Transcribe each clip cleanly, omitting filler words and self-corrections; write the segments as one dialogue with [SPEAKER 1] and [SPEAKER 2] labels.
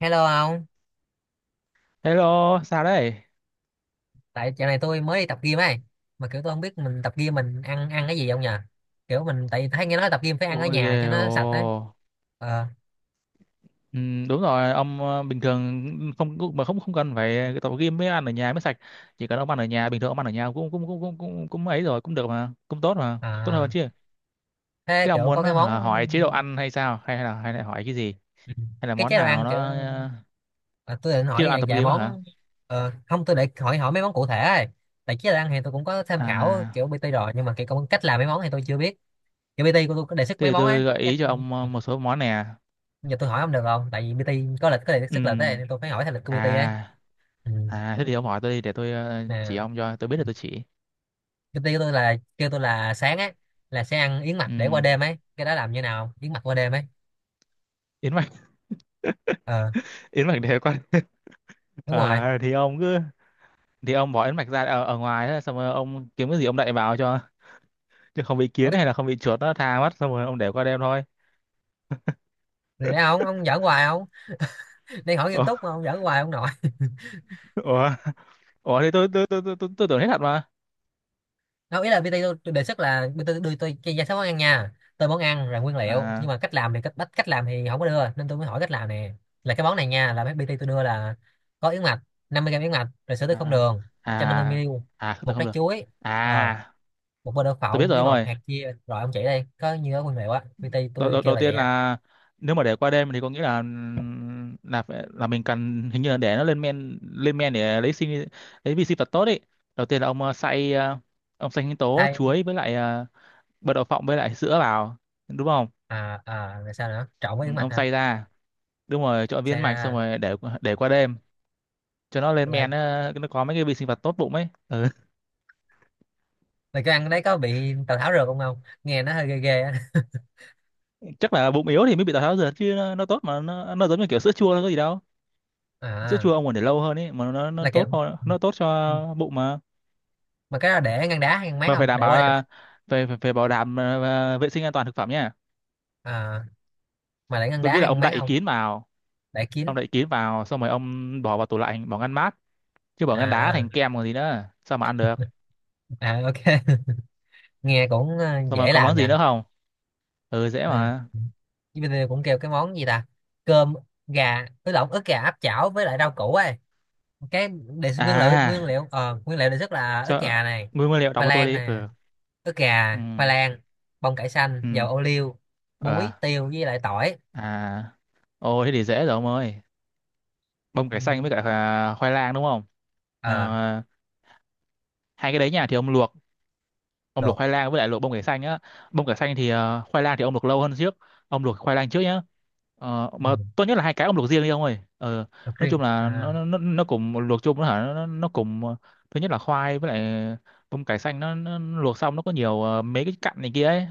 [SPEAKER 1] Hello ông,
[SPEAKER 2] Hello, sao đấy?
[SPEAKER 1] tại chỗ này tôi mới đi tập gym ấy, mà kiểu tôi không biết mình tập gym mình ăn ăn cái gì không nhờ. Kiểu mình tại vì thấy nghe nói tập gym phải ăn ở
[SPEAKER 2] Ôi ghê
[SPEAKER 1] nhà cho nó sạch ấy.
[SPEAKER 2] ồ.
[SPEAKER 1] Ờ,
[SPEAKER 2] Ừ, đúng rồi, ông bình thường không mà không không cần phải tập gym mới ăn ở nhà mới sạch. Chỉ cần ông ăn ở nhà, bình thường ông ăn ở nhà cũng cũng cũng cũng cũng, cũng ấy rồi, cũng được mà, cũng tốt mà, tốt
[SPEAKER 1] à,
[SPEAKER 2] hơn chứ.
[SPEAKER 1] thế
[SPEAKER 2] Thế ông
[SPEAKER 1] kiểu có
[SPEAKER 2] muốn
[SPEAKER 1] cái món.
[SPEAKER 2] hỏi chế độ ăn hay sao? Hay là hỏi cái gì?
[SPEAKER 1] Ừ.
[SPEAKER 2] Hay là
[SPEAKER 1] Cái
[SPEAKER 2] món
[SPEAKER 1] chế độ
[SPEAKER 2] nào
[SPEAKER 1] ăn
[SPEAKER 2] nó
[SPEAKER 1] kiểu à, tôi định
[SPEAKER 2] chế độ
[SPEAKER 1] hỏi
[SPEAKER 2] ăn
[SPEAKER 1] vài,
[SPEAKER 2] tập
[SPEAKER 1] vài
[SPEAKER 2] gym á hả?
[SPEAKER 1] món. Không, tôi để hỏi hỏi mấy món cụ thể ấy. Tại chế độ ăn thì tôi cũng có tham khảo
[SPEAKER 2] À,
[SPEAKER 1] kiểu PT rồi, nhưng mà cách làm mấy món thì tôi chưa biết. Kiểu PT của tôi có đề xuất
[SPEAKER 2] thế
[SPEAKER 1] mấy
[SPEAKER 2] thì
[SPEAKER 1] món ấy,
[SPEAKER 2] tôi gợi
[SPEAKER 1] chắc
[SPEAKER 2] ý cho ông một số món nè.
[SPEAKER 1] giờ tôi hỏi không được không? Tại vì PT có lịch, có đề xuất lịch
[SPEAKER 2] Ừ.
[SPEAKER 1] ấy, nên tôi phải hỏi theo lịch của PT ấy.
[SPEAKER 2] À,
[SPEAKER 1] Ừ,
[SPEAKER 2] à, thế thì ông hỏi tôi đi để tôi chỉ
[SPEAKER 1] nè.
[SPEAKER 2] ông cho tôi biết là tôi chỉ.
[SPEAKER 1] Cái tiêu tôi là, kêu tôi là sáng á là sẽ ăn yến mạch để qua
[SPEAKER 2] Ừ.
[SPEAKER 1] đêm ấy, cái đó làm như nào, yến mạch qua đêm ấy?
[SPEAKER 2] Yến mạch,
[SPEAKER 1] Ờ,
[SPEAKER 2] yến mạch để qua.
[SPEAKER 1] đúng rồi.
[SPEAKER 2] À, thì ông cứ thì ông bỏ ấn mạch ra ở ngoài đó, xong rồi ông kiếm cái gì ông đậy vào cho, chứ không bị
[SPEAKER 1] Ủa,
[SPEAKER 2] kiến hay là không bị chuột nó tha mất, xong rồi ông để qua đêm thôi.
[SPEAKER 1] thì đấy ông giỡn hoài không, đang hỏi nghiêm
[SPEAKER 2] Ủa,
[SPEAKER 1] túc mà ông giỡn hoài ông nội.
[SPEAKER 2] ủa, ủa, thì tôi tưởng hết thật mà.
[SPEAKER 1] Đâu, ý là PT tôi đề xuất là PT đưa tôi cái danh sách món ăn nha, tôi món ăn rồi nguyên liệu, nhưng
[SPEAKER 2] À,
[SPEAKER 1] mà cách làm thì cách làm thì không có đưa nên tôi mới hỏi cách làm nè. Là cái món này nha, là mấy PT tôi đưa là có yến mạch, 50 g yến mạch, rồi sữa tươi không
[SPEAKER 2] à,
[SPEAKER 1] đường 150
[SPEAKER 2] à,
[SPEAKER 1] ml
[SPEAKER 2] à, không
[SPEAKER 1] một
[SPEAKER 2] được, không
[SPEAKER 1] trái
[SPEAKER 2] được.
[SPEAKER 1] chuối, ờ,
[SPEAKER 2] À,
[SPEAKER 1] một bơ đậu
[SPEAKER 2] tôi biết
[SPEAKER 1] phộng
[SPEAKER 2] rồi
[SPEAKER 1] với
[SPEAKER 2] ông
[SPEAKER 1] một
[SPEAKER 2] ơi.
[SPEAKER 1] hạt chia, rồi ông chỉ đây, có như đó nguyên liệu á, PT
[SPEAKER 2] đầu,
[SPEAKER 1] tôi
[SPEAKER 2] đầu,
[SPEAKER 1] kêu
[SPEAKER 2] đầu
[SPEAKER 1] là
[SPEAKER 2] tiên
[SPEAKER 1] vậy á.
[SPEAKER 2] là, nếu mà để qua đêm thì có nghĩa là là mình cần hình như là để nó lên men, lên men để lấy sinh, lấy vi sinh vật tốt ấy. Đầu tiên là ông xay ông xay sinh tố
[SPEAKER 1] Thay
[SPEAKER 2] chuối với lại bật đậu phộng với lại sữa vào, đúng không?
[SPEAKER 1] à à, rồi sao nữa, trộn với
[SPEAKER 2] Ừ,
[SPEAKER 1] yến mạch
[SPEAKER 2] ông
[SPEAKER 1] hả?
[SPEAKER 2] xay ra, đúng rồi, trộn viên
[SPEAKER 1] Xem
[SPEAKER 2] mạch xong
[SPEAKER 1] ra
[SPEAKER 2] rồi để qua đêm cho nó lên
[SPEAKER 1] là
[SPEAKER 2] men, nó có mấy cái vi sinh vật tốt bụng ấy. Ừ.
[SPEAKER 1] là cái ăn đấy có bị tào tháo rượt không không, nghe nó hơi ghê ghê á.
[SPEAKER 2] Chắc là bụng yếu thì mới bị tào tháo dượt chứ nó tốt mà, nó giống như kiểu sữa chua, nó có gì đâu. Sữa
[SPEAKER 1] À,
[SPEAKER 2] chua ông còn để lâu hơn ấy mà, nó
[SPEAKER 1] là kiểu
[SPEAKER 2] tốt hơn, nó tốt cho bụng mà.
[SPEAKER 1] mà cái đó để ngăn đá hay ngăn mát,
[SPEAKER 2] Mà
[SPEAKER 1] không
[SPEAKER 2] phải đảm
[SPEAKER 1] để
[SPEAKER 2] bảo
[SPEAKER 1] qua đêm á?
[SPEAKER 2] là phải phải, phải bảo đảm vệ sinh an toàn thực phẩm nha.
[SPEAKER 1] À, mà để ngăn
[SPEAKER 2] Tôi
[SPEAKER 1] đá
[SPEAKER 2] nghĩ là
[SPEAKER 1] hay ngăn
[SPEAKER 2] ông
[SPEAKER 1] mát
[SPEAKER 2] đậy
[SPEAKER 1] không?
[SPEAKER 2] kín vào,
[SPEAKER 1] Để
[SPEAKER 2] ông
[SPEAKER 1] kín
[SPEAKER 2] đậy kín vào xong rồi ông bỏ vào tủ lạnh, bỏ ngăn mát, chứ bỏ ngăn đá
[SPEAKER 1] à.
[SPEAKER 2] thành kem còn gì nữa, sao mà ăn được.
[SPEAKER 1] À ok. Nghe cũng
[SPEAKER 2] Xong rồi
[SPEAKER 1] dễ
[SPEAKER 2] còn
[SPEAKER 1] làm
[SPEAKER 2] món gì nữa
[SPEAKER 1] nha.
[SPEAKER 2] không? Ừ, dễ
[SPEAKER 1] À.
[SPEAKER 2] mà.
[SPEAKER 1] Chứ bây giờ cũng kêu cái món gì ta, cơm gà ứ lộn ức gà áp chảo với lại rau củ ấy. Cái đề, nguyên liệu
[SPEAKER 2] À,
[SPEAKER 1] nguyên liệu nguyên liệu đề xuất là ức
[SPEAKER 2] cho
[SPEAKER 1] gà này,
[SPEAKER 2] nguyên nguyên liệu đọc
[SPEAKER 1] khoai
[SPEAKER 2] cho tôi
[SPEAKER 1] lang
[SPEAKER 2] đi.
[SPEAKER 1] này,
[SPEAKER 2] Ừ.
[SPEAKER 1] ức gà,
[SPEAKER 2] Ừ.
[SPEAKER 1] khoai lang, bông cải xanh,
[SPEAKER 2] Ừ.
[SPEAKER 1] dầu ô liu,
[SPEAKER 2] Ờ.
[SPEAKER 1] muối tiêu với lại tỏi.
[SPEAKER 2] À. Ôi thế thì dễ rồi ông ơi. Bông
[SPEAKER 1] Ừ.
[SPEAKER 2] cải xanh với cả à, khoai lang đúng không? Ờ,
[SPEAKER 1] Ờ,
[SPEAKER 2] hai cái đấy nhà thì ông luộc
[SPEAKER 1] luộc.
[SPEAKER 2] khoai lang với lại luộc bông cải xanh á. Bông cải xanh thì khoai lang thì ông luộc lâu hơn trước. Ông luộc khoai lang trước nhá. Ờ,
[SPEAKER 1] Ừ.
[SPEAKER 2] mà tốt nhất là hai cái ông luộc riêng đi ông ơi. Ờ,
[SPEAKER 1] Luộc
[SPEAKER 2] nói
[SPEAKER 1] riêng
[SPEAKER 2] chung là
[SPEAKER 1] à.
[SPEAKER 2] nó cùng luộc chung, nó hả, nó cùng thứ nhất là khoai với lại bông cải xanh, nó luộc xong nó có nhiều mấy cái cặn này kia ấy.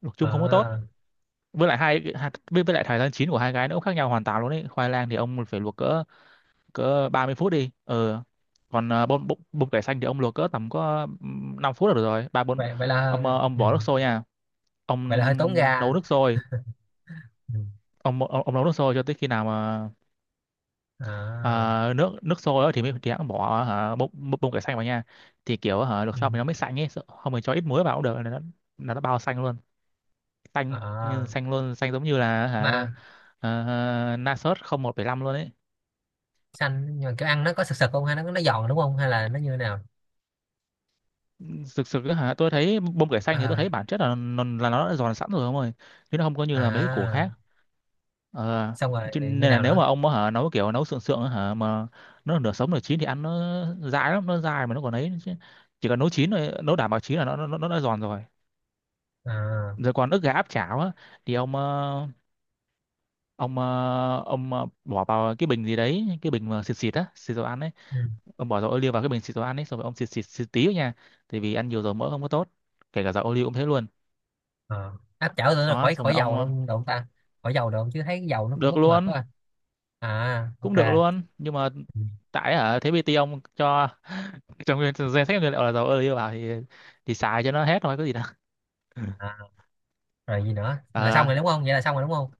[SPEAKER 2] Luộc chung
[SPEAKER 1] Ờ,
[SPEAKER 2] không có tốt. Với lại hai hai- với lại thời gian chín của hai cái nó cũng khác nhau hoàn toàn luôn đấy, khoai lang thì ông phải luộc cỡ cỡ 30 phút đi. Ờ còn bông cải xanh thì ông luộc cỡ tầm có 5 phút là được rồi, ba bốn.
[SPEAKER 1] vậy vậy là,
[SPEAKER 2] Ông ông
[SPEAKER 1] ừ,
[SPEAKER 2] bỏ nước sôi nha,
[SPEAKER 1] vậy là hơi tốn
[SPEAKER 2] ông
[SPEAKER 1] ga.
[SPEAKER 2] nấu nước sôi,
[SPEAKER 1] Ừ.
[SPEAKER 2] ông nấu nước sôi cho tới khi nào mà,
[SPEAKER 1] À,
[SPEAKER 2] à, nước, nước sôi á thì mới, thì hãng bỏ hả, bông bông cải xanh vào nha, thì kiểu hả luộc
[SPEAKER 1] ừ.
[SPEAKER 2] xong thì nó mới xanh ấy, không mình cho ít muối vào cũng được là nó, là nó bao xanh luôn,
[SPEAKER 1] Ờ,
[SPEAKER 2] xanh, xanh luôn, xanh giống như là hả,
[SPEAKER 1] mà
[SPEAKER 2] na sốt không một bảy năm luôn ấy.
[SPEAKER 1] xanh, nhưng mà kiểu ăn nó có sực sực không, hay nó giòn đúng không, hay là nó như thế nào?
[SPEAKER 2] Thực sự á hả, tôi thấy bông cải xanh thì tôi
[SPEAKER 1] À,
[SPEAKER 2] thấy bản chất là nó đã giòn sẵn rồi ông ơi, chứ nó không có như là mấy cái củ
[SPEAKER 1] à,
[SPEAKER 2] khác. Ờ,
[SPEAKER 1] xong rồi
[SPEAKER 2] cho
[SPEAKER 1] như
[SPEAKER 2] nên là
[SPEAKER 1] nào
[SPEAKER 2] nếu
[SPEAKER 1] nữa?
[SPEAKER 2] mà ông hả nấu kiểu nấu sượng sượng á hả mà nó nửa sống nửa chín thì ăn nó dai lắm, nó dai mà nó còn ấy chứ, chỉ cần nấu chín rồi, nấu đảm bảo chín là nó đã giòn rồi.
[SPEAKER 1] À,
[SPEAKER 2] Rồi còn ức gà áp chảo á, thì ông bỏ vào cái bình gì đấy, cái bình mà xịt xịt á, xịt dầu ăn ấy.
[SPEAKER 1] ừ.
[SPEAKER 2] Ông bỏ dầu ô liu vào cái bình xịt dầu ăn ấy, xong rồi ông xịt xịt xịt tí thôi nha, tại vì ăn nhiều dầu mỡ không có tốt, kể cả dầu ô liu cũng thế luôn.
[SPEAKER 1] Ờ. Áp chảo tưởng là
[SPEAKER 2] Đó
[SPEAKER 1] khỏi
[SPEAKER 2] xong rồi
[SPEAKER 1] khỏi dầu
[SPEAKER 2] ông
[SPEAKER 1] luôn được không ta, khỏi dầu được không, chứ thấy cái dầu nó cũng
[SPEAKER 2] được
[SPEAKER 1] mất mệt
[SPEAKER 2] luôn,
[SPEAKER 1] quá. À, à
[SPEAKER 2] cũng được
[SPEAKER 1] ok.
[SPEAKER 2] luôn, nhưng mà
[SPEAKER 1] Ừ.
[SPEAKER 2] tại hả thế PT ông cho trong danh sách nguyên liệu là dầu ô liu vào thì xài cho nó hết thôi, có gì đâu.
[SPEAKER 1] À. Rồi gì nữa, là xong
[SPEAKER 2] Ờ,
[SPEAKER 1] rồi đúng không, vậy là xong rồi đúng không?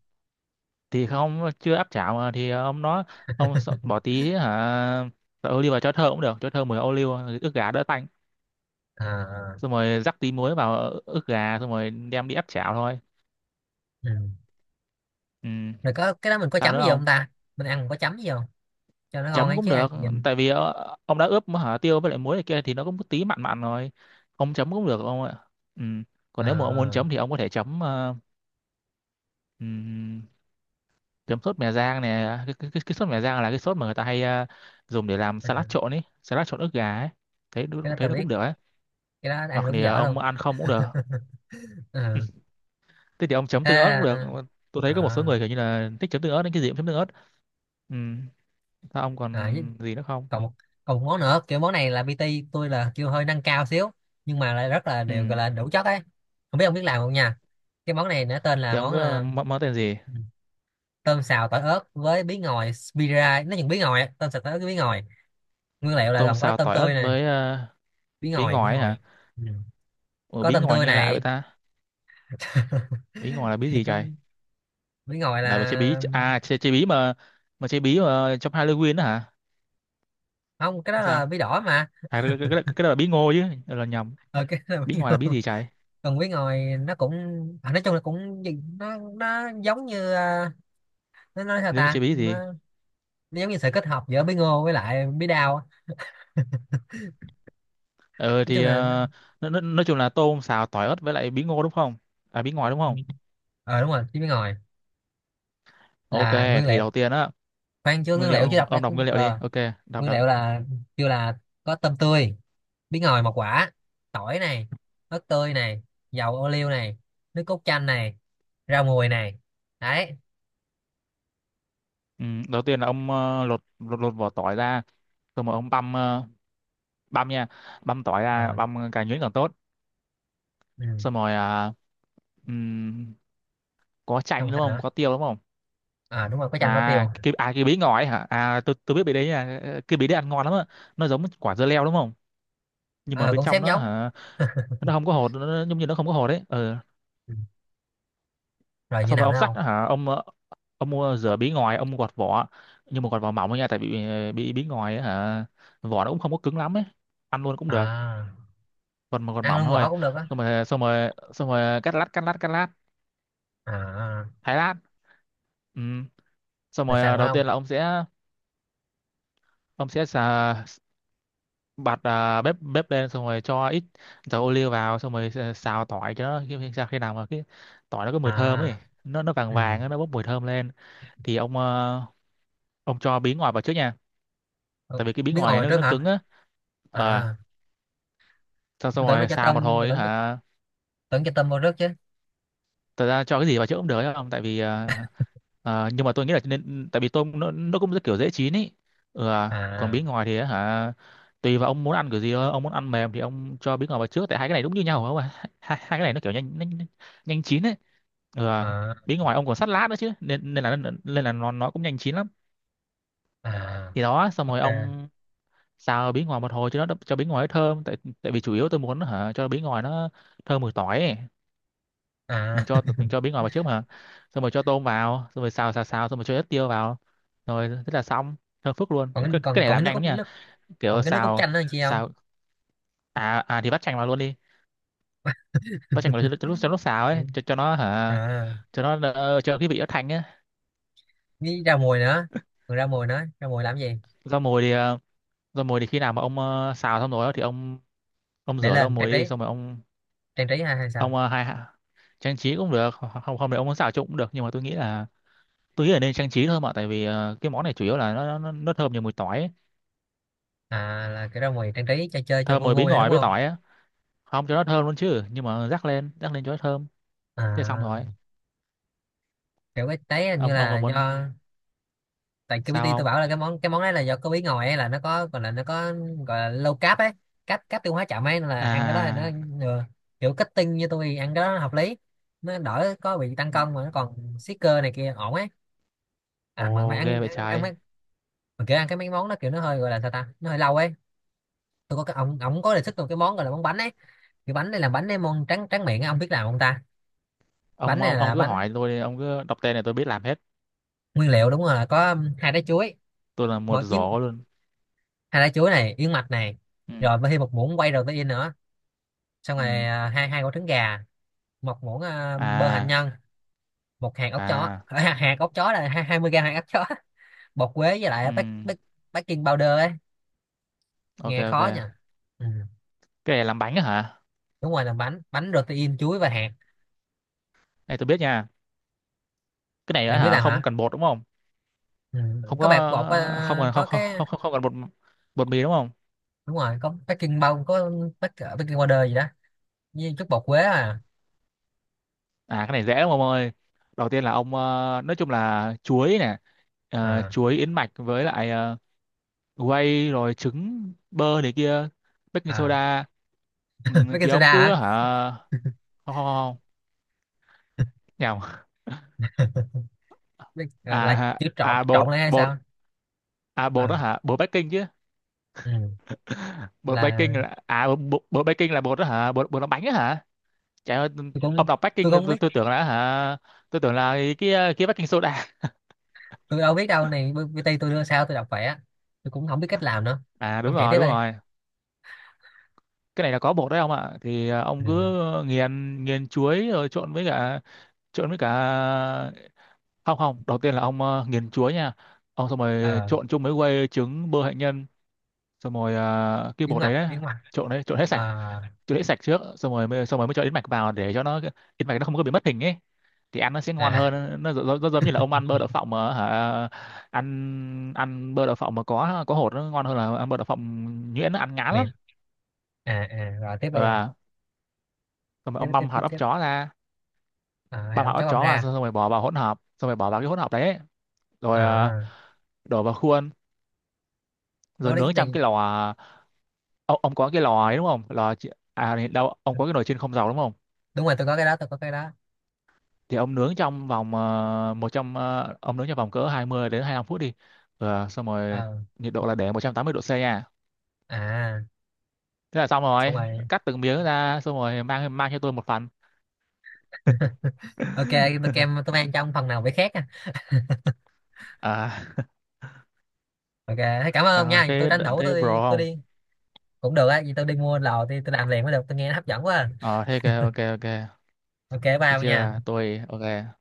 [SPEAKER 2] thì không, chưa áp chảo mà thì ông nói, bỏ tí hả dầu ô liu vào cho thơm cũng được, cho thơm mùi ô liu, ức gà đỡ tanh,
[SPEAKER 1] À,
[SPEAKER 2] xong rồi rắc tí muối vào ức gà, xong rồi đem đi áp chảo thôi.
[SPEAKER 1] ừ.
[SPEAKER 2] Ừ.
[SPEAKER 1] Rồi có cái đó mình có
[SPEAKER 2] Sao
[SPEAKER 1] chấm
[SPEAKER 2] nữa
[SPEAKER 1] gì không
[SPEAKER 2] không?
[SPEAKER 1] ta, mình ăn mình có chấm gì không, cho nó ngon
[SPEAKER 2] Chấm
[SPEAKER 1] ấy
[SPEAKER 2] cũng
[SPEAKER 1] chứ ăn
[SPEAKER 2] được,
[SPEAKER 1] nhìn.
[SPEAKER 2] tại vì ông đã ướp hả tiêu với lại muối này kia thì nó cũng tí mặn mặn rồi, ông chấm cũng được ông ạ. Ừ. Còn nếu mà ông muốn
[SPEAKER 1] À,
[SPEAKER 2] chấm thì ông có thể chấm ừm, chấm sốt mè rang này, cái sốt mè rang là cái sốt mà người ta hay dùng để làm salad
[SPEAKER 1] à,
[SPEAKER 2] trộn ấy, salad trộn ức gà ấy, thấy
[SPEAKER 1] cái đó
[SPEAKER 2] thấy
[SPEAKER 1] tao
[SPEAKER 2] nó
[SPEAKER 1] biết,
[SPEAKER 2] cũng được ấy.
[SPEAKER 1] cái đó ăn
[SPEAKER 2] Hoặc
[SPEAKER 1] đúng
[SPEAKER 2] thì
[SPEAKER 1] dở luôn.
[SPEAKER 2] ông ăn không cũng được.
[SPEAKER 1] Ừ.
[SPEAKER 2] Thế thì ông chấm
[SPEAKER 1] Thế
[SPEAKER 2] tương ớt cũng được. Ờ, tôi
[SPEAKER 1] à,
[SPEAKER 2] thấy có một số
[SPEAKER 1] à,
[SPEAKER 2] người kiểu như là thích chấm tương ớt nên cái gì cũng chấm tương ớt. Ừ. Sao ông
[SPEAKER 1] với-
[SPEAKER 2] còn gì nữa không?
[SPEAKER 1] còn một, còn một món nữa, kiểu món này là pê tê tôi là kêu hơi nâng cao xíu nhưng mà lại rất là đều, gọi
[SPEAKER 2] Ừ,
[SPEAKER 1] là đủ chất ấy, không biết ông biết làm không nha. Cái món này nó tên là
[SPEAKER 2] thì ông
[SPEAKER 1] món
[SPEAKER 2] có
[SPEAKER 1] à,
[SPEAKER 2] món, món tên gì?
[SPEAKER 1] tôm xào tỏi ớt với bí ngòi, spira nó chừng bí ngòi á, tôm xào tỏi ớt với bí ngòi, nguyên liệu là
[SPEAKER 2] Tôm
[SPEAKER 1] gồm có
[SPEAKER 2] xào
[SPEAKER 1] tôm
[SPEAKER 2] tỏi ớt
[SPEAKER 1] tươi nè,
[SPEAKER 2] với
[SPEAKER 1] bí
[SPEAKER 2] bí
[SPEAKER 1] ngòi, bí
[SPEAKER 2] ngòi ấy
[SPEAKER 1] ngòi.
[SPEAKER 2] hả?
[SPEAKER 1] Ừ.
[SPEAKER 2] Ủa,
[SPEAKER 1] Có
[SPEAKER 2] bí
[SPEAKER 1] tôm
[SPEAKER 2] ngòi
[SPEAKER 1] tươi
[SPEAKER 2] nghe lạ vậy
[SPEAKER 1] này.
[SPEAKER 2] ta, bí ngòi là bí
[SPEAKER 1] Thì
[SPEAKER 2] gì
[SPEAKER 1] có
[SPEAKER 2] trời?
[SPEAKER 1] bí ngòi là,
[SPEAKER 2] Là mà chơi bí à, chơi bí mà chơi bí mà trong Halloween đó hả,
[SPEAKER 1] không, cái đó
[SPEAKER 2] hay
[SPEAKER 1] là
[SPEAKER 2] sao?
[SPEAKER 1] bí đỏ mà.
[SPEAKER 2] À, cái đó là bí ngô chứ. Ờ, là nhầm.
[SPEAKER 1] Ờ, cái đó là
[SPEAKER 2] Bí
[SPEAKER 1] bí
[SPEAKER 2] ngòi là
[SPEAKER 1] ngòi.
[SPEAKER 2] bí gì trời?
[SPEAKER 1] Còn bí ngòi nó cũng à, nói chung là cũng nó giống như à, nó nói sao
[SPEAKER 2] Nên
[SPEAKER 1] ta,
[SPEAKER 2] chơi bí gì?
[SPEAKER 1] nó giống như sự kết hợp giữa bí ngô với lại bí đao á.
[SPEAKER 2] Ờ
[SPEAKER 1] Nói
[SPEAKER 2] thì
[SPEAKER 1] chung là nó...
[SPEAKER 2] nó, nói chung là tôm xào tỏi ớt với lại bí ngô đúng không? À, bí ngòi đúng
[SPEAKER 1] Ừ,
[SPEAKER 2] không?
[SPEAKER 1] ờ đúng rồi, chứ bí ngòi
[SPEAKER 2] OK,
[SPEAKER 1] là nguyên
[SPEAKER 2] thì
[SPEAKER 1] liệu.
[SPEAKER 2] đầu tiên á,
[SPEAKER 1] Khoan, chưa,
[SPEAKER 2] nguyên
[SPEAKER 1] nguyên liệu chưa
[SPEAKER 2] liệu,
[SPEAKER 1] đọc đã.
[SPEAKER 2] ông đọc nguyên liệu đi,
[SPEAKER 1] Ờ,
[SPEAKER 2] OK, đọc
[SPEAKER 1] nguyên
[SPEAKER 2] đọc.
[SPEAKER 1] liệu là, kêu là có tôm tươi, bí ngòi một quả, tỏi này, ớt tươi này, dầu ô liu này, nước cốt chanh này, rau mùi này, đấy.
[SPEAKER 2] Ừ, đầu tiên là ông lột lột lột vỏ tỏi ra, xong rồi mà ông băm băm nha, băm tỏi ra,
[SPEAKER 1] Ờ.
[SPEAKER 2] băm càng nhuyễn càng tốt.
[SPEAKER 1] Ừ.
[SPEAKER 2] Xong rồi ừm, có
[SPEAKER 1] Không,
[SPEAKER 2] chanh đúng
[SPEAKER 1] sao
[SPEAKER 2] không,
[SPEAKER 1] nữa?
[SPEAKER 2] có tiêu đúng không?
[SPEAKER 1] À đúng rồi, có chanh, có
[SPEAKER 2] À,
[SPEAKER 1] tiêu.
[SPEAKER 2] cái bí ngò ấy hả, à tôi biết bí đấy nha. Ờ, cái bí đấy ăn ngon lắm á, nó giống quả dưa leo đúng không, nhưng mà
[SPEAKER 1] Ờ,
[SPEAKER 2] bên
[SPEAKER 1] cũng
[SPEAKER 2] trong
[SPEAKER 1] xém
[SPEAKER 2] nó
[SPEAKER 1] giống.
[SPEAKER 2] hả, nó không có hột, giống như nó không có hột đấy. Ừ.
[SPEAKER 1] Ừ. Rồi như
[SPEAKER 2] Xong rồi
[SPEAKER 1] nào
[SPEAKER 2] ông
[SPEAKER 1] nữa
[SPEAKER 2] sắt
[SPEAKER 1] không?
[SPEAKER 2] hả, ông ông mua rửa bí ngòi, ông gọt vỏ, nhưng mà gọt vỏ mỏng thôi nha, tại vì bí bí ngòi ấy, hả, vỏ nó cũng không có cứng lắm ấy, ăn luôn cũng được,
[SPEAKER 1] À,
[SPEAKER 2] còn mà gọt
[SPEAKER 1] ăn
[SPEAKER 2] mỏng
[SPEAKER 1] luôn
[SPEAKER 2] thôi.
[SPEAKER 1] vỏ cũng được á?
[SPEAKER 2] Xong rồi cắt lát,
[SPEAKER 1] À,
[SPEAKER 2] thái lát. Ừ. Xong
[SPEAKER 1] được,
[SPEAKER 2] rồi
[SPEAKER 1] sao nữa
[SPEAKER 2] đầu
[SPEAKER 1] không?
[SPEAKER 2] tiên là ông sẽ, ông sẽ xà- bật bếp bếp lên, xong rồi cho ít dầu ô liu vào, xong rồi xào tỏi cho nó sao khi nào mà cái tỏi nó có mùi thơm ấy,
[SPEAKER 1] À,
[SPEAKER 2] nó vàng
[SPEAKER 1] ừ.
[SPEAKER 2] vàng á, nó bốc mùi thơm lên, thì ông ông cho bí ngòi vào trước nha,
[SPEAKER 1] Ủa,
[SPEAKER 2] tại vì cái bí
[SPEAKER 1] bí
[SPEAKER 2] ngòi
[SPEAKER 1] ngòi
[SPEAKER 2] này
[SPEAKER 1] vào
[SPEAKER 2] nó
[SPEAKER 1] trước
[SPEAKER 2] nó
[SPEAKER 1] hả?
[SPEAKER 2] cứng á. Ờ,
[SPEAKER 1] À,
[SPEAKER 2] xong,
[SPEAKER 1] tôi
[SPEAKER 2] xong
[SPEAKER 1] tưởng nó
[SPEAKER 2] rồi
[SPEAKER 1] cho
[SPEAKER 2] xào một
[SPEAKER 1] tôm, tôi
[SPEAKER 2] hồi
[SPEAKER 1] tưởng
[SPEAKER 2] hả,
[SPEAKER 1] tưởng cho tôm vào trước chứ.
[SPEAKER 2] thật ra cho cái gì vào chữa cũng được ấy không, tại vì nhưng mà tôi nghĩ là nên, tại vì tôm nó cũng rất kiểu dễ chín ý. Ừ, à. Còn
[SPEAKER 1] À,
[SPEAKER 2] bí ngòi thì á hả, tùy vào ông muốn ăn kiểu gì thôi, ông muốn ăn mềm thì ông cho bí ngòi vào trước, tại hai cái này đúng như nhau không ạ, hai cái này nó kiểu nhanh nhanh nhanh chín ấy. Ừ, à.
[SPEAKER 1] à,
[SPEAKER 2] Bí ngòi ông còn sắt lát nữa chứ nên nên là nó cũng nhanh chín lắm.
[SPEAKER 1] à
[SPEAKER 2] Thì đó, xong rồi
[SPEAKER 1] ok.
[SPEAKER 2] ông xào bí ngòi một hồi cho nó, cho bí ngòi nó thơm, tại tại vì chủ yếu tôi muốn hả cho bí ngòi nó thơm mùi tỏi ấy.
[SPEAKER 1] À.
[SPEAKER 2] Mình cho mình cho bí ngò vào trước mà. Xong rồi cho tôm vào, xong rồi xào xào xào, xong rồi cho ít tiêu vào, rồi thế là xong. Thơm phức luôn.
[SPEAKER 1] Còn,
[SPEAKER 2] Cái
[SPEAKER 1] còn
[SPEAKER 2] này
[SPEAKER 1] còn cái
[SPEAKER 2] làm
[SPEAKER 1] nước
[SPEAKER 2] nhanh lắm
[SPEAKER 1] cốt
[SPEAKER 2] nha.
[SPEAKER 1] nước,
[SPEAKER 2] Kiểu
[SPEAKER 1] còn cái nước cốt
[SPEAKER 2] xào
[SPEAKER 1] chanh đó chị không?
[SPEAKER 2] xào. À thì vắt chanh vào luôn đi. Vắt chanh vào cho lúc cho lúc xào ấy
[SPEAKER 1] Ừ.
[SPEAKER 2] cho nó hả,
[SPEAKER 1] À,
[SPEAKER 2] cho nó cho cái vị nó thanh ấy.
[SPEAKER 1] với rau mùi nữa, còn rau mùi nữa, rau mùi làm gì,
[SPEAKER 2] Rau mùi thì rau mùi thì khi nào mà ông xào xong rồi á thì ông
[SPEAKER 1] để
[SPEAKER 2] rửa rau
[SPEAKER 1] lên trang
[SPEAKER 2] mùi
[SPEAKER 1] trí,
[SPEAKER 2] đi, xong rồi ông
[SPEAKER 1] trang trí hay hay sao?
[SPEAKER 2] ông ờ, hai trang trí cũng được, không không thì ông muốn xào trộn cũng được, nhưng mà tôi nghĩ là nên trang trí thôi mà, tại vì cái món này chủ yếu là nó thơm nhiều mùi tỏi ấy.
[SPEAKER 1] À, là cái rau mùi trang trí cho chơi cho
[SPEAKER 2] Thơm
[SPEAKER 1] vui
[SPEAKER 2] mùi bí
[SPEAKER 1] vui thôi đúng
[SPEAKER 2] ngòi với
[SPEAKER 1] không?
[SPEAKER 2] tỏi á, không cho nó thơm luôn chứ, nhưng mà rắc lên cho nó thơm. Thế xong rồi.
[SPEAKER 1] À, kiểu cái đấy hình như
[SPEAKER 2] Ông
[SPEAKER 1] là
[SPEAKER 2] còn muốn
[SPEAKER 1] do, tại cái
[SPEAKER 2] sao
[SPEAKER 1] PT tôi
[SPEAKER 2] không?
[SPEAKER 1] bảo là cái món đấy là do có bí ngòi ấy, là nó có gọi là, nó có gọi là low carb ấy, cáp cáp tiêu hóa chậm ấy, nên là ăn cái đó là nó,
[SPEAKER 2] À,
[SPEAKER 1] ừ, kiểu kết tinh như tôi thì ăn cái đó nó hợp lý, nó đỡ có bị tăng
[SPEAKER 2] ừ.
[SPEAKER 1] cân mà nó còn siết cơ này kia ổn ấy. À mà mày
[SPEAKER 2] Ồ, ghê
[SPEAKER 1] ăn
[SPEAKER 2] vậy
[SPEAKER 1] ăn, ăn mấy,
[SPEAKER 2] trái.
[SPEAKER 1] mà kiểu ăn cái mấy món đó kiểu nó hơi, gọi là sao ta, nó hơi lâu ấy. Tôi có cái ông có đề xuất một cái món gọi là món bánh ấy, cái bánh này làm, bánh này món trắng trắng miệng á, ông biết làm không ta? Bánh
[SPEAKER 2] ông
[SPEAKER 1] này
[SPEAKER 2] ông ông
[SPEAKER 1] là
[SPEAKER 2] cứ
[SPEAKER 1] bánh,
[SPEAKER 2] hỏi tôi đi, ông cứ đọc tên này tôi biết làm hết.
[SPEAKER 1] nguyên liệu đúng rồi, là có hai trái chuối,
[SPEAKER 2] Tôi là một
[SPEAKER 1] một yến,
[SPEAKER 2] giỏ luôn.
[SPEAKER 1] hai trái chuối này, yến mạch này,
[SPEAKER 2] Ừ.
[SPEAKER 1] rồi mới thêm một muỗng quay protein nữa, xong
[SPEAKER 2] Ừ.
[SPEAKER 1] rồi à, hai hai quả trứng gà, một muỗng à, bơ hạnh
[SPEAKER 2] À.
[SPEAKER 1] nhân, một hạt óc chó,
[SPEAKER 2] À.
[SPEAKER 1] hạt óc chó là 20 g hạt óc chó, bột quế với lại
[SPEAKER 2] Ừ.
[SPEAKER 1] bác baking powder ấy,
[SPEAKER 2] Ok
[SPEAKER 1] nghe
[SPEAKER 2] ok.
[SPEAKER 1] khó nha. Ừ.
[SPEAKER 2] Cái này làm bánh á hả?
[SPEAKER 1] Đúng rồi, làm bánh, bánh protein chuối và hạt,
[SPEAKER 2] Này tôi biết nha. Cái này á
[SPEAKER 1] này biết
[SPEAKER 2] hả,
[SPEAKER 1] làm
[SPEAKER 2] không
[SPEAKER 1] hả?
[SPEAKER 2] cần bột đúng không?
[SPEAKER 1] Ừ.
[SPEAKER 2] Không
[SPEAKER 1] Có
[SPEAKER 2] có,
[SPEAKER 1] bột
[SPEAKER 2] không
[SPEAKER 1] ờ,
[SPEAKER 2] cần,
[SPEAKER 1] có cái,
[SPEAKER 2] không cần bột. Bột mì đúng không?
[SPEAKER 1] đúng rồi có baking có bác- baking powder gì đó, với chút bột quế. À.
[SPEAKER 2] À, cái này dễ lắm ông ơi. Đầu tiên là ông, nói chung là chuối nè,
[SPEAKER 1] À.
[SPEAKER 2] chuối, yến mạch, với lại whey, rồi trứng, bơ này kia, baking
[SPEAKER 1] à
[SPEAKER 2] soda. Ừ, thì
[SPEAKER 1] Baking soda
[SPEAKER 2] ông
[SPEAKER 1] hả?
[SPEAKER 2] cứ hả, không không không nhầm.
[SPEAKER 1] Là
[SPEAKER 2] À
[SPEAKER 1] chữ trộn
[SPEAKER 2] à bột
[SPEAKER 1] trộn lại hay
[SPEAKER 2] bột
[SPEAKER 1] sao?
[SPEAKER 2] à bột đó
[SPEAKER 1] À,
[SPEAKER 2] hả? Bột baking chứ.
[SPEAKER 1] ừ.
[SPEAKER 2] Bột baking
[SPEAKER 1] Là
[SPEAKER 2] là à bột, bột baking là bột đó hả? Bột bột làm bánh đó hả? Trời ơi,
[SPEAKER 1] tôi
[SPEAKER 2] ông
[SPEAKER 1] cũng,
[SPEAKER 2] đọc
[SPEAKER 1] tôi
[SPEAKER 2] baking
[SPEAKER 1] không biết,
[SPEAKER 2] tôi tưởng là hả? Tôi tưởng là cái baking soda.
[SPEAKER 1] tôi đâu biết đâu này, PT tôi đưa sao tôi đọc vậy á, tôi cũng không biết cách làm nữa,
[SPEAKER 2] À đúng
[SPEAKER 1] ông chạy
[SPEAKER 2] rồi,
[SPEAKER 1] tiếp
[SPEAKER 2] đúng
[SPEAKER 1] đây.
[SPEAKER 2] rồi. Cái này là có bột đấy ông ạ. Thì à, ông
[SPEAKER 1] Ừ.
[SPEAKER 2] cứ nghiền nghiền chuối rồi trộn với cả, không không đầu tiên là ông à, nghiền chuối nha, ông xong rồi
[SPEAKER 1] À,
[SPEAKER 2] trộn chung với quây, trứng, bơ hạnh nhân, xong rồi à, đấy,
[SPEAKER 1] yến mạch.
[SPEAKER 2] Trộn đấy, trộn hết sạch.
[SPEAKER 1] À,
[SPEAKER 2] Trộn hết sạch trước, xong rồi mới cho yến mạch vào để cho nó, yến mạch nó không có bị mất hình ấy, thì ăn nó sẽ ngon
[SPEAKER 1] à,
[SPEAKER 2] hơn. Nó giống như là ông ăn bơ đậu phộng mà hả, ăn ăn bơ đậu phộng mà có hột nó ngon hơn là ăn bơ đậu phộng nhuyễn, nó ăn ngán lắm.
[SPEAKER 1] miệng. À, à rồi tiếp
[SPEAKER 2] Ờ
[SPEAKER 1] đây không?
[SPEAKER 2] à. Xong rồi
[SPEAKER 1] Tiếp
[SPEAKER 2] ông
[SPEAKER 1] tiếp
[SPEAKER 2] băm hạt
[SPEAKER 1] tiếp
[SPEAKER 2] óc
[SPEAKER 1] Tiếp.
[SPEAKER 2] chó ra,
[SPEAKER 1] À, hai
[SPEAKER 2] bà bảo
[SPEAKER 1] ông
[SPEAKER 2] ớt
[SPEAKER 1] cháu băm
[SPEAKER 2] chó vào
[SPEAKER 1] ra.
[SPEAKER 2] xong rồi bỏ vào hỗn hợp, xong rồi bỏ vào cái hỗn hợp đấy rồi
[SPEAKER 1] À,
[SPEAKER 2] đổ vào khuôn, rồi
[SPEAKER 1] đó đấy
[SPEAKER 2] nướng
[SPEAKER 1] cái
[SPEAKER 2] trong
[SPEAKER 1] gì?
[SPEAKER 2] cái lò. Ông có cái lò ấy đúng không, à đâu, ông có cái nồi chiên không dầu đúng không?
[SPEAKER 1] Đúng rồi, tôi có cái đó.
[SPEAKER 2] Thì ông nướng trong vòng ông nướng trong vòng cỡ 20 đến 25 phút đi. Ờ, xong rồi
[SPEAKER 1] Ờ.
[SPEAKER 2] nhiệt độ là để 180°C nha.
[SPEAKER 1] À,
[SPEAKER 2] Thế là xong
[SPEAKER 1] xong
[SPEAKER 2] rồi.
[SPEAKER 1] rồi.
[SPEAKER 2] Cắt từng miếng ra xong rồi mang mang cho tôi một phần.
[SPEAKER 1] Ok, bữa kem tôi mang trong phần nào phải khác nha.
[SPEAKER 2] À,
[SPEAKER 1] Ok, thế cảm ơn ông
[SPEAKER 2] sao
[SPEAKER 1] nha, tôi
[SPEAKER 2] thế?
[SPEAKER 1] tranh thủ
[SPEAKER 2] Thế bro
[SPEAKER 1] tôi
[SPEAKER 2] không?
[SPEAKER 1] đi. Cũng được á, vì tôi đi mua lò thì tôi làm liền mới được, tôi nghe nó hấp dẫn quá à.
[SPEAKER 2] Ờ thế ok ok ok.
[SPEAKER 1] Ok, bye
[SPEAKER 2] Thế
[SPEAKER 1] ông nha.
[SPEAKER 2] chưa, tôi ok.